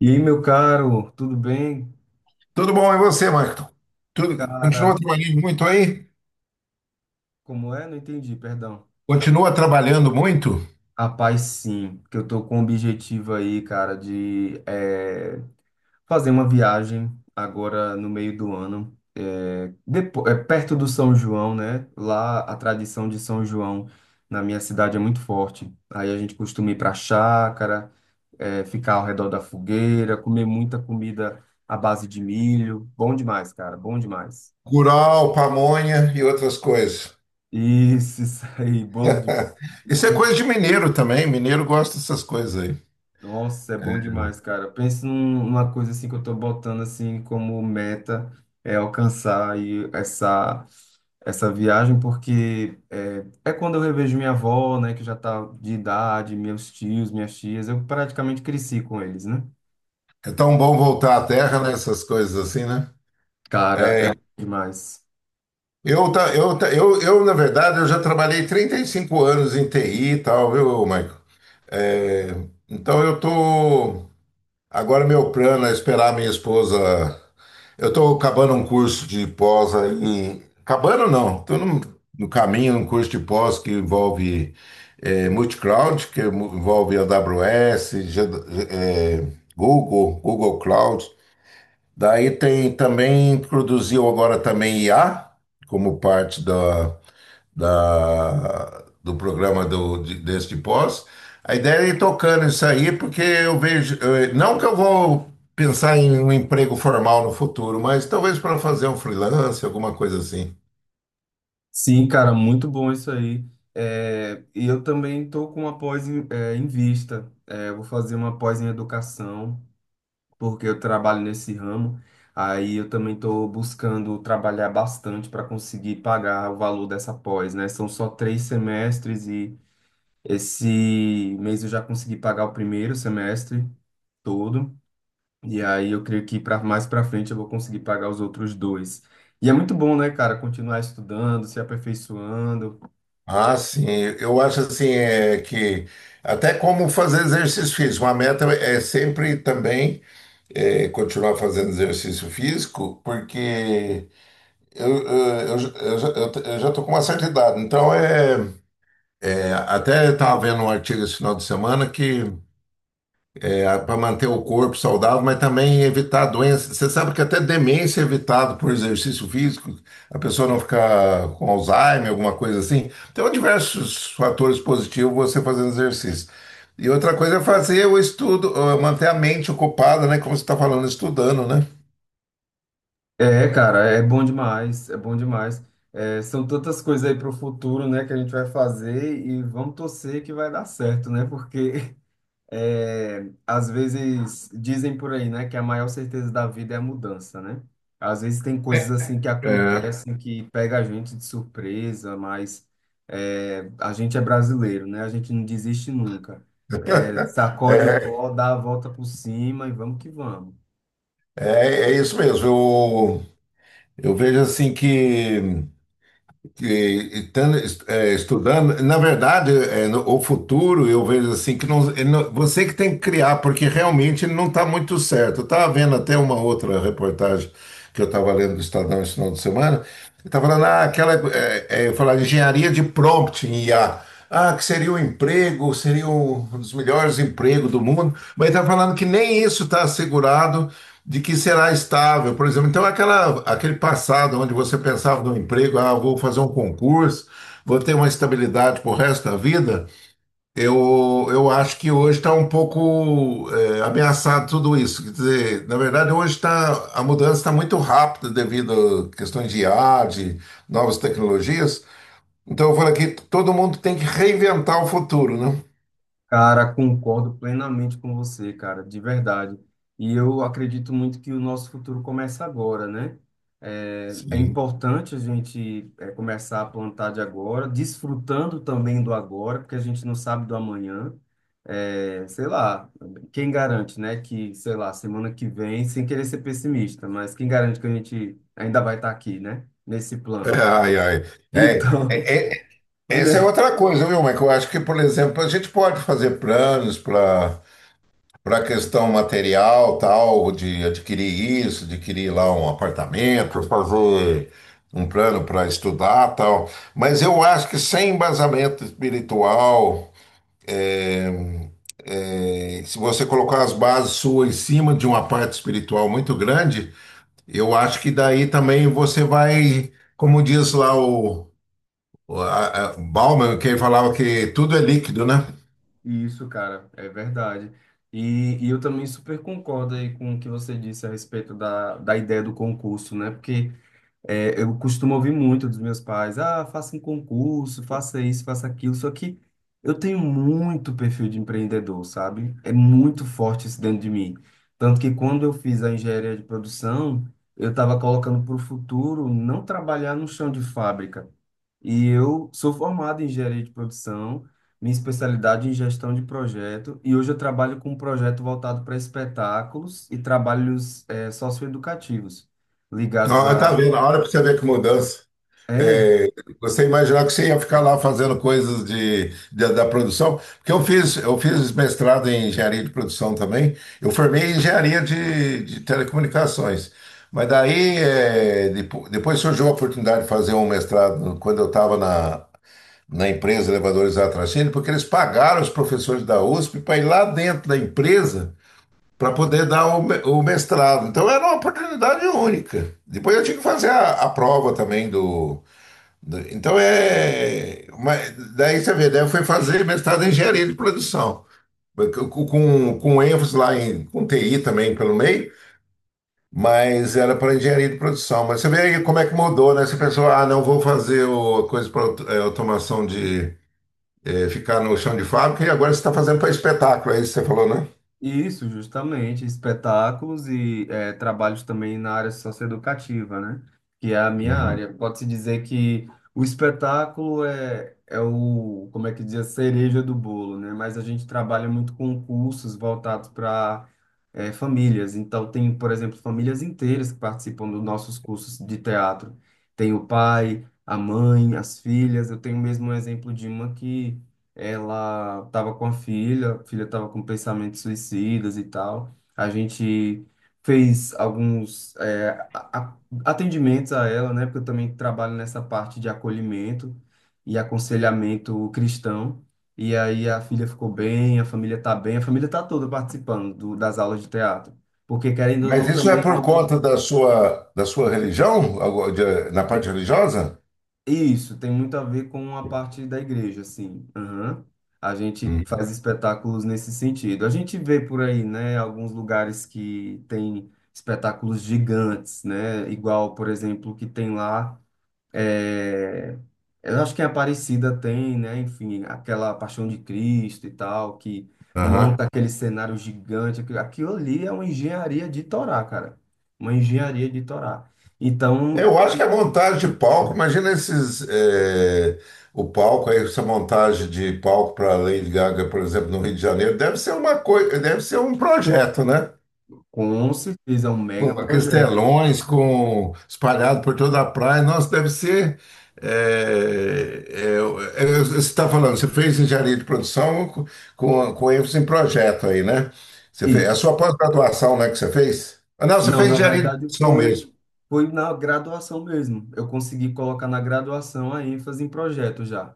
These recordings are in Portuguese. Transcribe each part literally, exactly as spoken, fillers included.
E aí, meu caro, tudo bem? Tudo bom, e você, Marco? Tudo, Cara, continua trabalhando muito aí? como é? Não entendi, perdão. Continua trabalhando muito? Rapaz, sim, que eu tô com o objetivo aí, cara, de eh, fazer uma viagem agora no meio do ano, eh, depo- eh, perto do São João, né? Lá a tradição de São João na minha cidade é muito forte. Aí a gente costuma ir pra chácara, eh, ficar ao redor da fogueira, comer muita comida à base de milho. Bom demais, cara, bom demais. Curau, pamonha e outras coisas. Isso, isso aí, bolo Isso é coisa muito. de mineiro também. Mineiro gosta dessas coisas aí. Nossa, é bom demais, cara. Pensa num- numa coisa assim que eu tô botando assim como meta é alcançar aí essa essa viagem, porque é, é quando eu revejo minha avó, né, que já tá de idade, meus tios, minhas tias, eu praticamente cresci com eles, né? É tão bom voltar à terra, né? Essas coisas assim, né? Cara, é bom demais. Eu, tá, eu, tá, eu, eu, na verdade, eu já trabalhei trinta e cinco anos em T I e tal, viu, Marco? É, então eu tô. Agora meu plano é esperar minha esposa Eu estou acabando um curso de pós aí. Acabando não, estou no, no caminho, um curso de pós que envolve eh, multi-cloud, que mu- envolve A W S, G- D eh, Google, Google, Cloud. Daí tem também, produziu agora também I A, como parte da da, do, programa do, de- deste pós. A ideia é ir tocando isso aí, porque eu vejo, eh, não que eu vou pensar em um emprego formal no futuro, mas talvez para fazer um freelance, alguma coisa assim. Sim, cara, muito bom isso aí. É, e eu também estou com uma pós em, é, em vista. É, eu vou fazer uma pós em educação, porque eu trabalho nesse ramo. Aí eu também estou buscando trabalhar bastante para conseguir pagar o valor dessa pós, né? São só três semestres e esse mês eu já consegui pagar o primeiro semestre todo. E aí eu creio que para mais para frente eu vou conseguir pagar os outros dois. E é muito bom, né, cara, continuar estudando, se aperfeiçoando. Ah, sim, eu acho assim é que até como fazer exercício físico, uma meta é sempre também é, continuar fazendo exercício físico, porque eu, eu, eu, já- eu, já eu com uma certa idade. Então é É, até estava vendo um artigo esse final de semana que é para manter o corpo saudável, mas também evitar doenças. Você sabe que até demência é evitado por exercício físico, a pessoa não ficar com Alzheimer, alguma coisa assim. Então, diversos fatores positivos você fazendo exercício. E outra coisa é fazer o estudo, eh, manter a mente ocupada, né? Como você está falando, estudando, né? É, cara, é bom demais, é bom demais. É, são tantas coisas aí para o futuro, né, que a gente vai fazer e vamos torcer que vai dar certo, né? Porque é, às vezes dizem por aí, né, que a maior certeza da vida é a mudança, né? Às vezes tem É, coisas assim que é, acontecem que pega a gente de surpresa, mas é, a gente é brasileiro, né? A gente não desiste nunca. É, sacode o é, pó, dá a volta por cima e vamos que vamos. é é isso mesmo. Eu, eu vejo assim que que estando, é, estudando, na verdade, é, no- o futuro eu vejo assim que não, ele não- você que tem que criar, porque realmente não está muito certo. Eu estava vendo até uma outra reportagem que eu estava lendo do Estadão esse final de semana, estava falando ah, aquela é, é, falar engenharia de prompt em I A. Ah, que seria o emprego, seria um dos melhores empregos do mundo, mas está falando que nem isso está assegurado de que será estável, por exemplo. Então, aquela, aquele passado onde você pensava no emprego, ah, vou fazer um concurso, vou ter uma estabilidade para o resto da vida, eu, eu acho que hoje está um pouco eh, ameaçado tudo isso. Quer dizer, na verdade, hoje está a mudança está muito rápida devido a questões de I A, de novas tecnologias. Então eu falo aqui, todo mundo tem que reinventar o futuro, né? Cara, concordo plenamente com você, cara, de verdade. E eu acredito muito que o nosso futuro começa agora, né? É, é Sim. importante a gente é, começar a plantar de agora, desfrutando também do agora, porque a gente não sabe do amanhã. É, sei lá, quem garante, né, que, sei lá, semana que vem, sem querer ser pessimista, mas quem garante que a gente ainda vai estar aqui, né, nesse plano? Ai, ai. É, Então, é, é- essa é né? outra coisa, viu, Mas Eu acho que, por exemplo, a gente pode fazer planos para para a questão material, tal, de adquirir isso, adquirir lá um apartamento, fazer um plano para estudar, tal. Mas eu acho que sem embasamento espiritual, eh, se você colocar as bases suas em cima de uma parte espiritual muito grande, Eu acho que daí também você vai, como diz lá o, o a, a Bauman, que ele falava que tudo é líquido, né? Isso, cara, é verdade. E, e eu também super concordo aí com o que você disse a respeito da, da ideia do concurso, né? Porque é, eu costumo ouvir muito dos meus pais, ah, faça um concurso, faça isso, faça aquilo, só que eu tenho muito perfil de empreendedor, sabe? É muito forte isso dentro de mim. Tanto que quando eu fiz a engenharia de produção, eu estava colocando para o futuro não trabalhar no chão de fábrica, e eu sou formado em engenharia de produção, minha especialidade é em gestão de projeto, e hoje eu trabalho com um projeto voltado para espetáculos e trabalhos eh, socioeducativos, ligados Ó, tá a. vendo? A hora pra você ver que mudança. Não. É. É, você imaginar que você ia ficar lá fazendo coisas de, de- da produção, porque eu fiz, eu fiz mestrado em engenharia de produção também, eu formei em engenharia de, de telecomunicações, mas daí é, depo- depois surgiu a oportunidade de fazer um mestrado quando eu estava na na empresa Elevadores Atracene, porque eles pagaram os professores da USP para ir lá dentro da empresa para poder dar o, mestrado. Então era uma oportunidade única. Depois eu tinha que fazer a, a prova também do, do- Então é. uma- daí você vê, daí eu fui fazer mestrado em engenharia de produção, com, com, ênfase lá em com T I também pelo meio. Mas era para engenharia de produção. Mas você vê aí como é que mudou, né? Essa pessoa, ah, não vou fazer o, coisa para automação de, é, ficar no chão de fábrica e agora você está fazendo para espetáculo, é isso que você falou, né? Isso, justamente, espetáculos e eh, trabalhos também na área socioeducativa, né? Que é a minha Uhum. área. Pode-se dizer que o espetáculo é, é o, como é que diz, a cereja do bolo, né? Mas a gente trabalha muito com cursos voltados para famílias. Então, tem, por exemplo, famílias inteiras que participam dos nossos cursos de teatro. Tem o pai, a mãe, as filhas. Eu tenho mesmo um exemplo de uma que ela estava com a filha, a filha estava com pensamentos suicidas e tal. A gente fez alguns é, a- a- atendimentos a ela, né? Porque eu também trabalho nessa parte de acolhimento e aconselhamento cristão. E aí a filha ficou bem, a família tá bem, a família tá toda participando do- das aulas de teatro. Porque, querendo ou Mas não, isso é também é por algo. conta da sua, da sua religião, de, na parte religiosa? Isso tem muito a ver com a parte da igreja, assim. Aham. A gente Uhum. faz espetáculos nesse sentido. A gente vê por aí, né, alguns lugares que tem espetáculos gigantes, né? Igual, por exemplo, que tem lá, é, eu acho que em Aparecida tem, né? Enfim, aquela Paixão de Cristo e tal, que Uhum. monta aquele cenário gigante. Aquilo aquilo ali é uma engenharia de Torá, cara. Uma engenharia de Torá. Então, Eu acho que a montagem de palco, imagina esses, é, o palco, aí, essa montagem de palco para Lady Gaga, por exemplo, no Rio de Janeiro, deve ser uma coisa, deve ser um projeto, né? com certeza, é um mega Com projeto. castelões, com espalhado por toda a praia. Nossa, deve ser. É, é, é, você está falando, você fez engenharia de produção com, com com ênfase em projeto aí, né? Você fez, é a Isso. sua pós-graduação, né, que você fez? Ah, não, você Não, fez na engenharia de verdade produção mesmo. foi foi na graduação mesmo. Eu consegui colocar na graduação a ênfase em projeto já.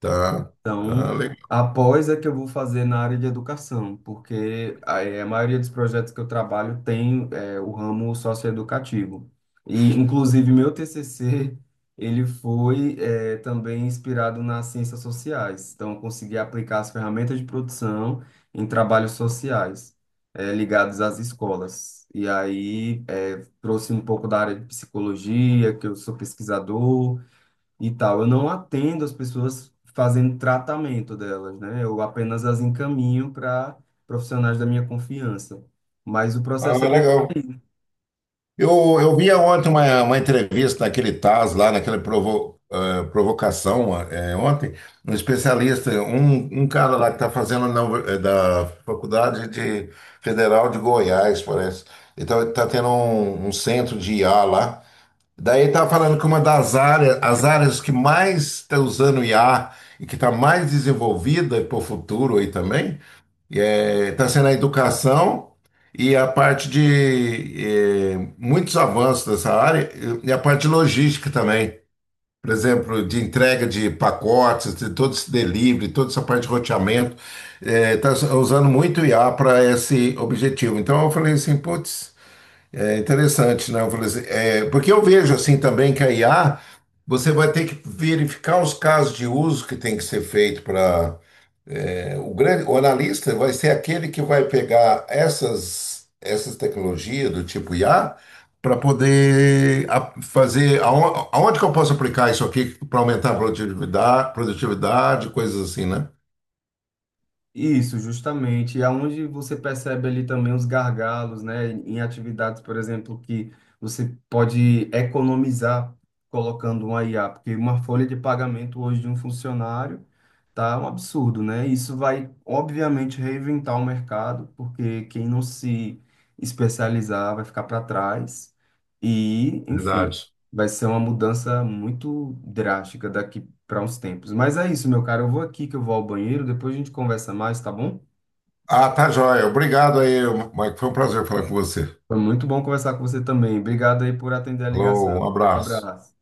Tá. Então, Ah, legal. após é que eu vou fazer na área de educação, porque a, a maioria dos projetos que eu trabalho tem é, o ramo socioeducativo. E, inclusive, meu T C C, ele foi é, também inspirado nas ciências sociais. Então, eu consegui aplicar as ferramentas de produção em trabalhos sociais é, ligados às escolas. E aí, é, trouxe um pouco da área de psicologia, que eu sou pesquisador, e tal. Eu não atendo as pessoas fazendo tratamento delas, né? Eu apenas as encaminho para profissionais da minha confiança. Mas o Ah, processo é bem. legal. Eu, eu via ontem uma, uma entrevista naquele Taz, lá naquela provo- eh, provocação, eh, ontem, um especialista, um, um cara lá que está fazendo na, Uni- eh, da Faculdade de, Federal de Goiás, parece. Então, ele está tendo um, um, centro de I A lá. Daí está falando que uma das áreas, as áreas que mais está usando I A e que está mais desenvolvida para o futuro aí também, está sendo a educação e a parte de eh, muitos avanços dessa área e a parte de logística também. Por exemplo, de entrega de pacotes, de todo esse delivery, toda essa parte de roteamento. Está usando muito o I A para esse objetivo. Então eu falei assim, putz, é interessante, né? Eu falei assim, eh, porque eu vejo assim também que a I A, você vai ter que verificar os casos de uso que tem que ser feito para o grande, o analista vai ser aquele que vai pegar essas, essas tecnologias do tipo I A para poder a- fazer aon- aonde, que eu posso aplicar isso aqui para aumentar a produtividade, produtividade, coisas assim, né? Isso, justamente. E aonde você percebe ali também os gargalos, né? Em atividades, por exemplo, que você pode economizar colocando uma I A, porque uma folha de pagamento hoje de um funcionário tá um absurdo, né? Isso vai, obviamente, reinventar o mercado, porque quem não se especializar vai ficar para trás. E, enfim, Verdade. vai ser uma mudança muito drástica daqui para uns tempos. Mas é isso, meu cara. Eu vou aqui que eu vou ao banheiro, depois a gente conversa mais, tá bom? Ah, tá joia. Obrigado aí, Mike. Foi um prazer falar com você. Foi muito bom conversar com você também. Obrigado aí por atender a Falou, ligação. um Um abraço. abraço.